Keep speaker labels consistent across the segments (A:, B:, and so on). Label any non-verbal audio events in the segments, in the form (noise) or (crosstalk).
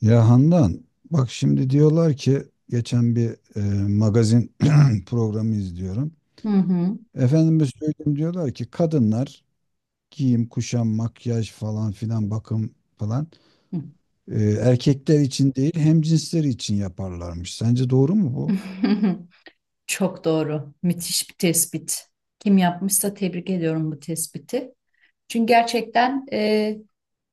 A: Ya Handan, bak şimdi diyorlar ki geçen bir e, magazin (clears throat) programı izliyorum.
B: Hı hı.
A: Efendime söyleyeyim diyorlar ki kadınlar giyim, kuşam, makyaj falan filan bakım falan,
B: Hı.
A: erkekler için değil, hem cinsleri için yaparlarmış. Sence doğru mu bu?
B: (laughs) Çok doğru. Müthiş bir tespit. Kim yapmışsa tebrik ediyorum bu tespiti. Çünkü gerçekten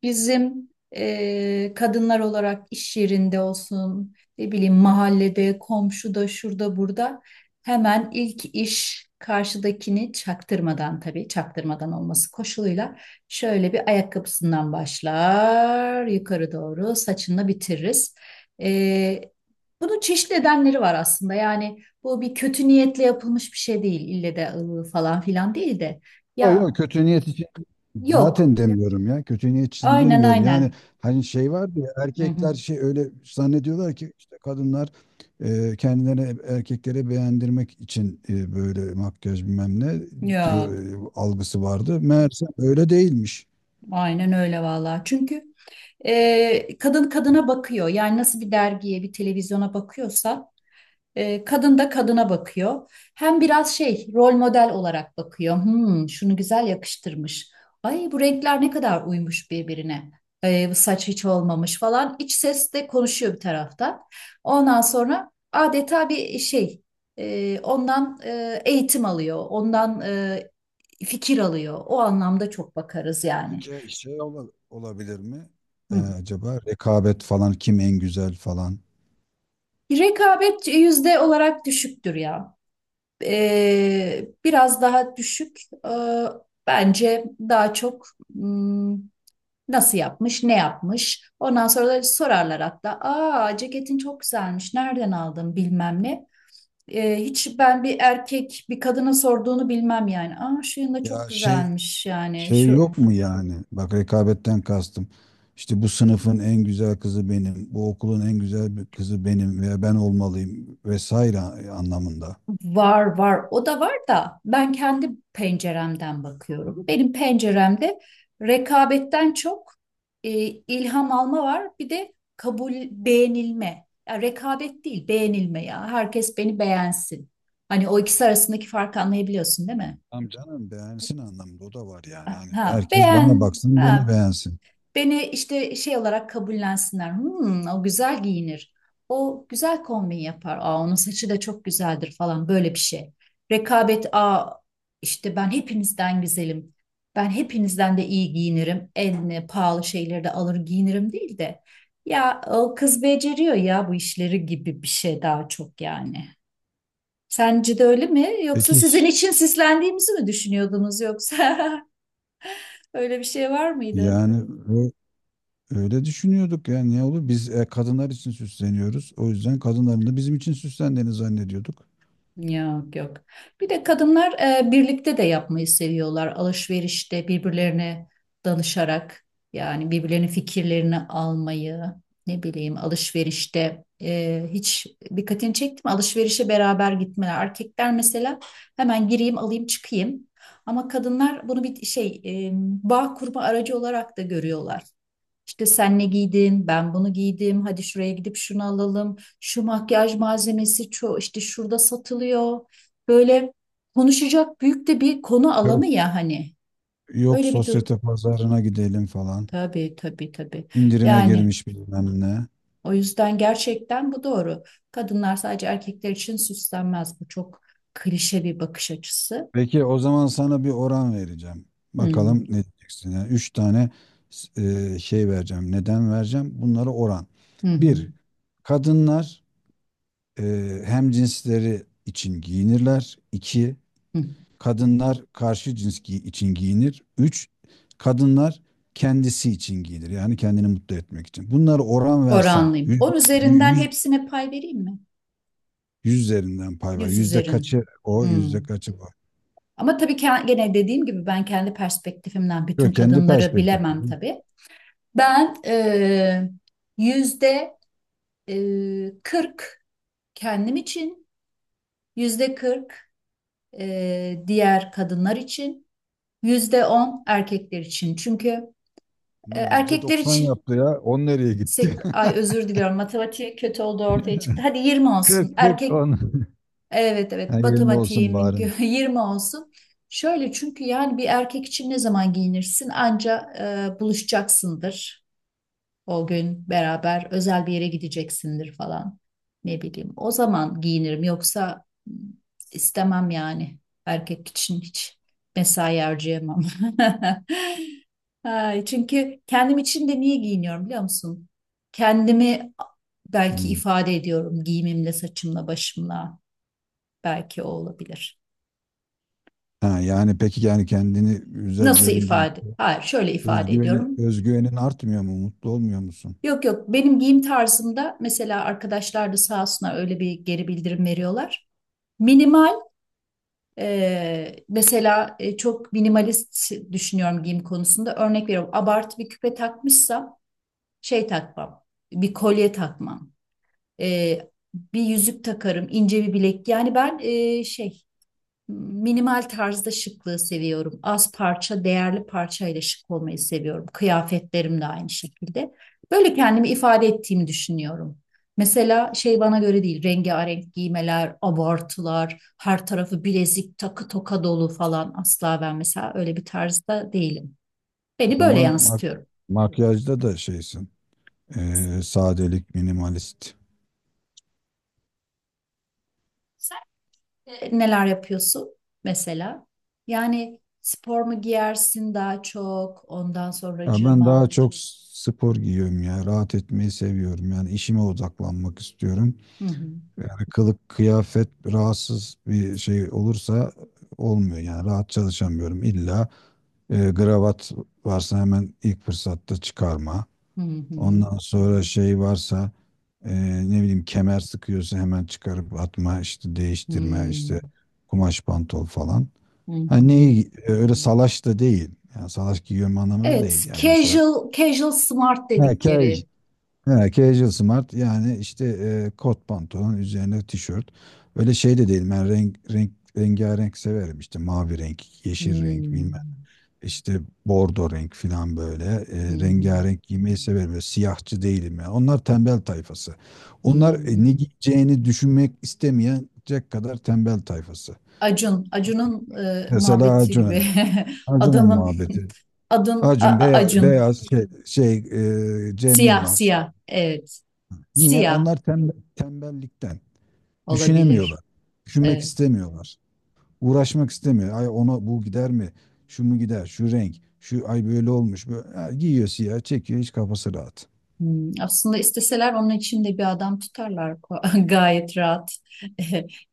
B: bizim kadınlar olarak iş yerinde olsun, ne bileyim mahallede, komşuda, şurada, burada hemen ilk iş karşıdakini çaktırmadan, tabii çaktırmadan olması koşuluyla şöyle bir ayakkabısından başlar, yukarı doğru saçını bitiririz. E, Bunun çeşitli nedenleri var aslında. Yani bu bir kötü niyetle yapılmış bir şey değil. İlle de falan filan değil de.
A: Yok yok,
B: Ya
A: kötü niyet için
B: yok.
A: zaten demiyorum ya. Kötü niyet için
B: Aynen
A: demiyorum. Yani
B: aynen.
A: hani şey vardı ya,
B: Hı hı.
A: erkekler şey öyle zannediyorlar ki işte kadınlar kendilerine, erkeklere beğendirmek için böyle makyaj bilmem ne diyor
B: Yok.
A: algısı vardı. Meğerse öyle değilmiş.
B: Aynen öyle vallahi. Çünkü kadın kadına bakıyor. Yani nasıl bir dergiye, bir televizyona bakıyorsa kadın da kadına bakıyor. Hem biraz şey rol model olarak bakıyor. Hmm, şunu güzel yakıştırmış. Ay bu renkler ne kadar uymuş birbirine. Bu saç hiç olmamış falan. İç ses de konuşuyor bir tarafta. Ondan sonra adeta bir şey, ondan eğitim alıyor. Ondan fikir alıyor. O anlamda çok bakarız yani.
A: Peki şey olabilir mi?
B: Hı.
A: Acaba rekabet falan, kim en güzel falan?
B: Rekabet yüzde olarak düşüktür ya. Biraz daha düşük. E, Bence daha çok, hmm, nasıl yapmış, ne yapmış. Ondan sonra da sorarlar hatta. Aa, ceketin çok güzelmiş. Nereden aldın bilmem ne. Hiç ben bir erkek bir kadına sorduğunu bilmem yani. Aa, şu yanda
A: Ya
B: çok
A: şey
B: güzelmiş yani.
A: Şey
B: Şu
A: yok mu yani? Bak, rekabetten kastım. İşte bu sınıfın en güzel kızı benim, bu okulun en güzel bir kızı benim, veya ben olmalıyım vesaire anlamında.
B: var var o da var da ben kendi penceremden bakıyorum. Benim penceremde rekabetten çok, ilham alma var, bir de kabul, beğenilme. Ya rekabet değil, beğenilme, ya herkes beni beğensin. Hani o ikisi arasındaki farkı anlayabiliyorsun değil mi?
A: Tamam canım, beğensin anlamında o da var yani. Hani
B: Ha
A: herkes bana
B: beğen,
A: baksın, beni
B: ha
A: beğensin.
B: beni işte şey olarak kabullensinler. Hmm, o güzel giyinir. O güzel kombin yapar. Aa, onun saçı da çok güzeldir falan böyle bir şey. Rekabet, aa işte ben hepinizden güzelim. Ben hepinizden de iyi giyinirim. En pahalı şeyleri de alır giyinirim değil de. Ya o kız beceriyor ya bu işleri gibi bir şey daha çok yani. Sence de öyle mi? Yoksa
A: Peki
B: sizin için sislendiğimizi mi düşünüyordunuz yoksa? (laughs) Öyle bir şey var mıydı?
A: yani, ö- öyle düşünüyorduk yani, ne olur biz kadınlar için süsleniyoruz. O yüzden kadınların da bizim için süslendiğini zannediyorduk.
B: Yok yok. Bir de kadınlar birlikte de yapmayı seviyorlar. Alışverişte birbirlerine danışarak, yani birbirlerinin fikirlerini almayı, ne bileyim alışverişte, hiç dikkatini çekti mi? Alışverişe beraber gitmeler. Erkekler mesela hemen gireyim alayım çıkayım. Ama kadınlar bunu bir şey, bağ kurma aracı olarak da görüyorlar. İşte sen ne giydin, ben bunu giydim, hadi şuraya gidip şunu alalım, şu makyaj malzemesi ço işte şurada satılıyor. Böyle konuşacak büyük de bir konu alanı
A: Yok.
B: ya hani.
A: Yok,
B: Öyle bir durum.
A: sosyete pazarına gidelim falan.
B: Tabii tabii tabii.
A: İndirime
B: Yani
A: girmiş bilmem ne.
B: o yüzden gerçekten bu doğru. Kadınlar sadece erkekler için süslenmez. Bu çok klişe bir bakış açısı.
A: Peki o zaman sana bir oran vereceğim.
B: Hmm.
A: Bakalım ne diyeceksin. Yani üç tane şey vereceğim. Neden vereceğim? Bunları oran.
B: Hı hı.
A: Bir, kadınlar hem cinsleri için giyinirler. İki,
B: Hı.
A: kadınlar karşı cins için giyinir. Üç, kadınlar kendisi için giyinir. Yani kendini mutlu etmek için. Bunları oran versen
B: Oranlıyım. 10 üzerinden
A: yüz,
B: hepsine pay vereyim mi?
A: 100 üzerinden pay var.
B: Yüz
A: Yüzde
B: üzerin.
A: kaçı o,
B: Hmm.
A: yüzde kaçı var.
B: Ama tabii ki gene dediğim gibi ben kendi perspektifimden bütün
A: Yok, kendi
B: kadınları
A: perspektif.
B: bilemem tabii. Ben yüzde 40 kendim için, yüzde kırk, diğer kadınlar için, yüzde 10 erkekler için. Çünkü
A: Bunun
B: erkekler
A: %90
B: için
A: yaptı ya. 10 nereye
B: sek-
A: gitti?
B: ay özür diliyorum matematiğe kötü olduğu ortaya çıktı. Hadi 20
A: (laughs)
B: olsun.
A: 40 40
B: Erkek
A: 10. (laughs)
B: evet
A: Ha,
B: evet
A: 20 olsun
B: matematiğimin
A: bari.
B: (laughs) 20 olsun. Şöyle çünkü yani bir erkek için ne zaman giyinirsin? Anca buluşacaksındır. O gün beraber özel bir yere gideceksindir falan. Ne bileyim. O zaman giyinirim yoksa istemem yani. Erkek için hiç mesai harcayamam. (laughs) Ay, çünkü kendim için de niye giyiniyorum biliyor musun? Kendimi belki
A: Hmm.
B: ifade ediyorum giyimimle, saçımla, başımla. Belki o olabilir.
A: Ha, yani peki yani kendini güzel
B: Nasıl
A: görünce
B: ifade? Hayır, şöyle ifade
A: özgüvenin
B: ediyorum.
A: özgüvenin artmıyor mu? Mutlu olmuyor musun?
B: Yok yok benim giyim tarzımda mesela arkadaşlar da sağ olsunlar öyle bir geri bildirim veriyorlar. Minimal, mesela çok minimalist düşünüyorum giyim konusunda, örnek veriyorum abartı bir küpe takmışsam şey takmam, bir kolye takmam, e, bir yüzük takarım, ince bir bilek, yani ben şey minimal tarzda şıklığı seviyorum. Az parça, değerli parçayla şık olmayı seviyorum. Kıyafetlerim de aynı şekilde. Böyle kendimi ifade ettiğimi düşünüyorum. Mesela şey bana göre değil. Rengarenk giymeler, abartılar, her tarafı bilezik, takı toka dolu falan asla, ben mesela öyle bir tarzda değilim.
A: O
B: Beni böyle
A: zaman
B: yansıtıyorum.
A: makyajda da şeysin. Sadelik, minimalist.
B: Sen neler yapıyorsun mesela? Yani spor mu giyersin daha çok? Ondan
A: Ya ben daha
B: sonracığıma.
A: çok spor giyiyorum ya. Rahat etmeyi seviyorum. Yani işime odaklanmak istiyorum.
B: Hı hı.
A: Yani kılık kıyafet rahatsız bir şey olursa olmuyor yani, rahat çalışamıyorum. İlla gravat varsa hemen ilk fırsatta çıkarma.
B: Hı hı.
A: Ondan sonra şey varsa, e, ne bileyim, kemer sıkıyorsa hemen çıkarıp atma işte, değiştirme işte,
B: Hmm.
A: kumaş pantol falan.
B: Hı
A: Hani
B: hı.
A: neyi öyle salaş da değil. Yani salaş giyiyorum anlamında
B: Evet,
A: değil yani, mesela.
B: casual casual smart
A: Ha, kej.
B: dedikleri.
A: He, casual smart yani işte kot pantolon üzerine tişört. Öyle şey de değil. Ben rengarenk severim. İşte mavi renk, yeşil renk bilmem.
B: Hmm.
A: İşte bordo renk falan böyle.
B: Hı hı.
A: Rengarenk giymeyi severim. Böyle siyahçı değilim ya. Onlar tembel tayfası.
B: Hı
A: Onlar
B: hı.
A: ne giyeceğini düşünmek istemeyecek kadar tembel tayfası.
B: Acun, Acun'un
A: Mesela
B: muhabbeti gibi.
A: Acun'a.
B: (laughs)
A: Acun'un
B: Adamın (laughs)
A: muhabbeti.
B: adın
A: Acun beyaz,
B: Acun.
A: beyaz şey, Cem
B: Siyah,
A: Yılmaz.
B: siyah. Evet.
A: Niye?
B: Siyah
A: Onlar tembel, tembellikten.
B: olabilir.
A: Düşünemiyorlar. Düşünmek
B: Evet.
A: istemiyorlar. Uğraşmak istemiyor. Ay, ona bu gider mi? Şu mu gider? Şu renk. Şu, ay böyle olmuş. Böyle. Ha, giyiyor siyah, çekiyor. Hiç kafası rahat.
B: Hmm, aslında isteseler onun için de bir adam tutarlar ko- (laughs) gayet rahat (laughs)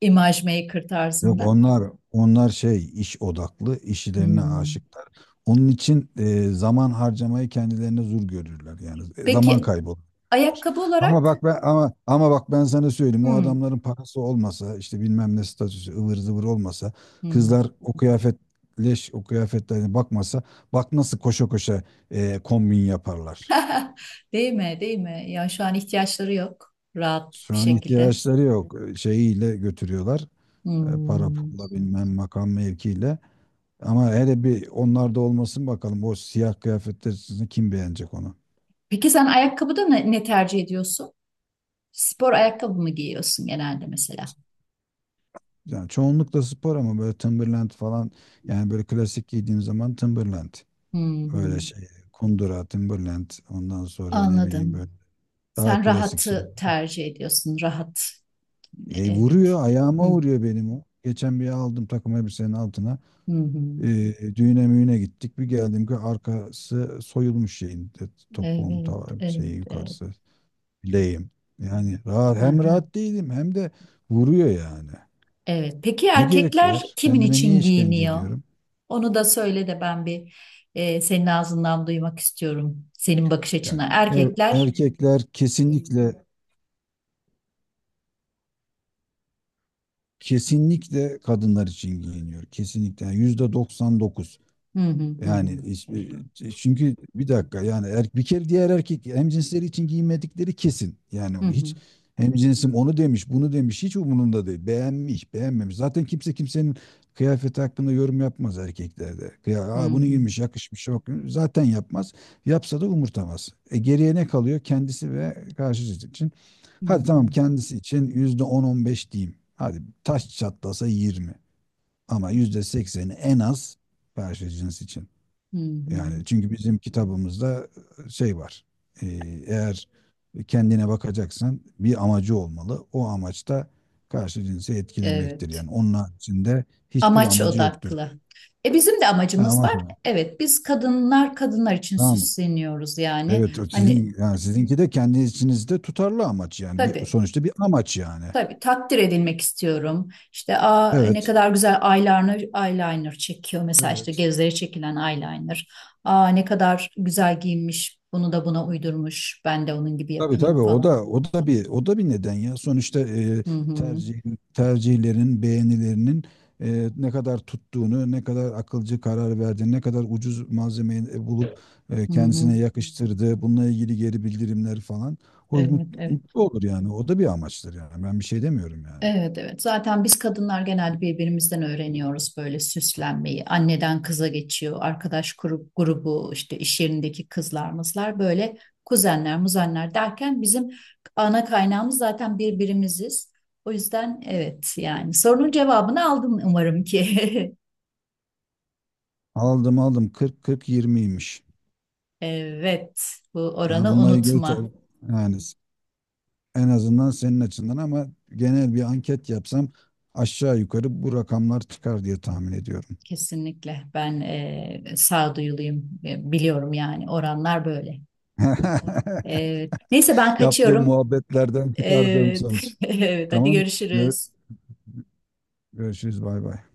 B: imaj maker
A: Yok,
B: tarzında.
A: onlar şey iş odaklı, işlerine
B: Hmm.
A: aşıklar. Onun için zaman harcamayı kendilerine zor görürler yani, zaman
B: Peki
A: kaybı olur.
B: ayakkabı
A: Ama
B: olarak?
A: bak ben ama ama bak ben sana söyleyeyim, o
B: Hmm.
A: adamların parası olmasa, işte bilmem ne statüsü, ıvır zıvır olmasa,
B: Hmm.
A: kızlar o kıyafet leş o kıyafetlerine bakmasa, bak nasıl koşa koşa kombin yaparlar.
B: (laughs) Değil mi? Değil mi? Ya şu an ihtiyaçları yok. Rahat
A: Şu
B: bir
A: an
B: şekilde.
A: ihtiyaçları yok. Şeyiyle götürüyorlar. Para
B: Hmm.
A: pulla bilmem, makam mevkiyle. Ama hele bir onlarda olmasın bakalım. O siyah kıyafetler sizi kim beğenecek onu?
B: Peki sen ayakkabıda ne, ne tercih ediyorsun? Spor ayakkabı mı giyiyorsun genelde mesela?
A: Yani çoğunlukla spor, ama böyle Timberland falan, yani böyle klasik giydiğim zaman Timberland.
B: Hı hı.
A: Öyle şey, kundura Timberland, ondan sonra ne bileyim
B: Anladım.
A: böyle, daha
B: Sen
A: klasik şey.
B: rahatı tercih ediyorsun. Rahat. Evet.
A: Vuruyor ayağıma,
B: Hı
A: vuruyor benim o. Geçen bir aldım takım elbisenin altına.
B: hı. Hı.
A: E, Düğüne müğüne gittik. Bir geldim ki arkası soyulmuş şeyin, topuğum
B: Evet,
A: ta,
B: evet,
A: şeyi
B: evet.
A: yukarısı. Bileyim. Yani rahat, hem
B: Aha.
A: rahat değilim hem de vuruyor yani.
B: Evet. Peki
A: Ne gerek
B: erkekler
A: var?
B: kimin
A: Kendime niye
B: için
A: işkence
B: giyiniyor?
A: ediyorum?
B: Onu da söyle de ben bir, senin ağzından duymak istiyorum. Senin bakış
A: Yani
B: açına. Erkekler.
A: erkekler kesinlikle kesinlikle kadınlar için giyiniyor. Kesinlikle. Yani %99.
B: Hı hı hı
A: Yani
B: hı.
A: çünkü bir dakika yani, bir kere, diğer erkek hemcinsleri için giyinmedikleri kesin. Yani
B: Hı hı
A: hiç hemcinsim onu demiş, bunu demiş, hiç umurunda değil. Beğenmiş, beğenmemiş. Zaten kimse kimsenin kıyafeti hakkında yorum yapmaz erkeklerde. Ya,
B: hı
A: aa, bunu
B: hı.
A: giymiş, yakışmış, yok. Zaten yapmaz. Yapsa da umurtamaz. Geriye ne kalıyor? Kendisi ve karşı cins için.
B: Hı
A: Hadi tamam,
B: hı.
A: kendisi için yüzde on on beş diyeyim. Hadi taş çatlasa 20. Ama %80'i en az karşı cins için.
B: Hı hı.
A: Yani çünkü bizim kitabımızda şey var. Ee, Eğer kendine bakacaksan bir amacı olmalı. O amaç da karşı cinsi etkilemektir.
B: Evet.
A: Yani onun haricinde hiçbir
B: Amaç
A: amacı yoktur.
B: odaklı. E bizim de
A: Ha,
B: amacımız var.
A: amaç ama.
B: Evet, biz kadınlar kadınlar için
A: Tamam.
B: süsleniyoruz yani.
A: Evet, o
B: Hani
A: sizin yani, sizinki de kendi içinizde tutarlı amaç yani, bir
B: tabii,
A: sonuçta bir amaç yani.
B: tabii takdir edilmek istiyorum. İşte aa ne
A: Evet.
B: kadar güzel eyeliner eyeliner çekiyor. Mesela işte
A: Evet.
B: gözleri çekilen eyeliner. Aa ne kadar güzel giyinmiş. Bunu da buna uydurmuş. Ben de onun gibi
A: Tabii
B: yapayım
A: tabii,
B: falan.
A: o da bir neden ya. Sonuçta,
B: Hı hı.
A: tercih tercihlerin, beğenilerinin, ne kadar tuttuğunu, ne kadar akılcı karar verdiğini, ne kadar ucuz malzemeyi bulup
B: Hı hı.
A: kendisine yakıştırdığı, bununla ilgili geri bildirimler falan. O
B: Evet, evet.
A: mutlu olur yani. O da bir amaçtır yani. Ben bir şey demiyorum yani.
B: Evet evet. Zaten biz kadınlar genelde birbirimizden öğreniyoruz böyle süslenmeyi. Anneden kıza geçiyor. Arkadaş grup, grubu işte iş yerindeki kızlar mızlar böyle kuzenler muzenler derken bizim ana kaynağımız zaten birbirimiziz. O yüzden evet yani sorunun cevabını aldın umarım ki. (laughs)
A: Aldım, 40 40 yirmiymiş.
B: Evet, bu
A: Yani
B: oranı
A: bununla ilgili tabii
B: unutma.
A: yani, en azından senin açından ama, genel bir anket yapsam aşağı yukarı bu rakamlar çıkar diye tahmin ediyorum.
B: Kesinlikle ben sağduyuluyum. E, biliyorum yani oranlar böyle.
A: (laughs)
B: Evet. Neyse ben
A: Yaptığım
B: kaçıyorum. Evet. (laughs)
A: muhabbetlerden çıkardığım sonuç.
B: Evet, hadi
A: Tamam. Gör-
B: görüşürüz.
A: Görüşürüz. Bay bay.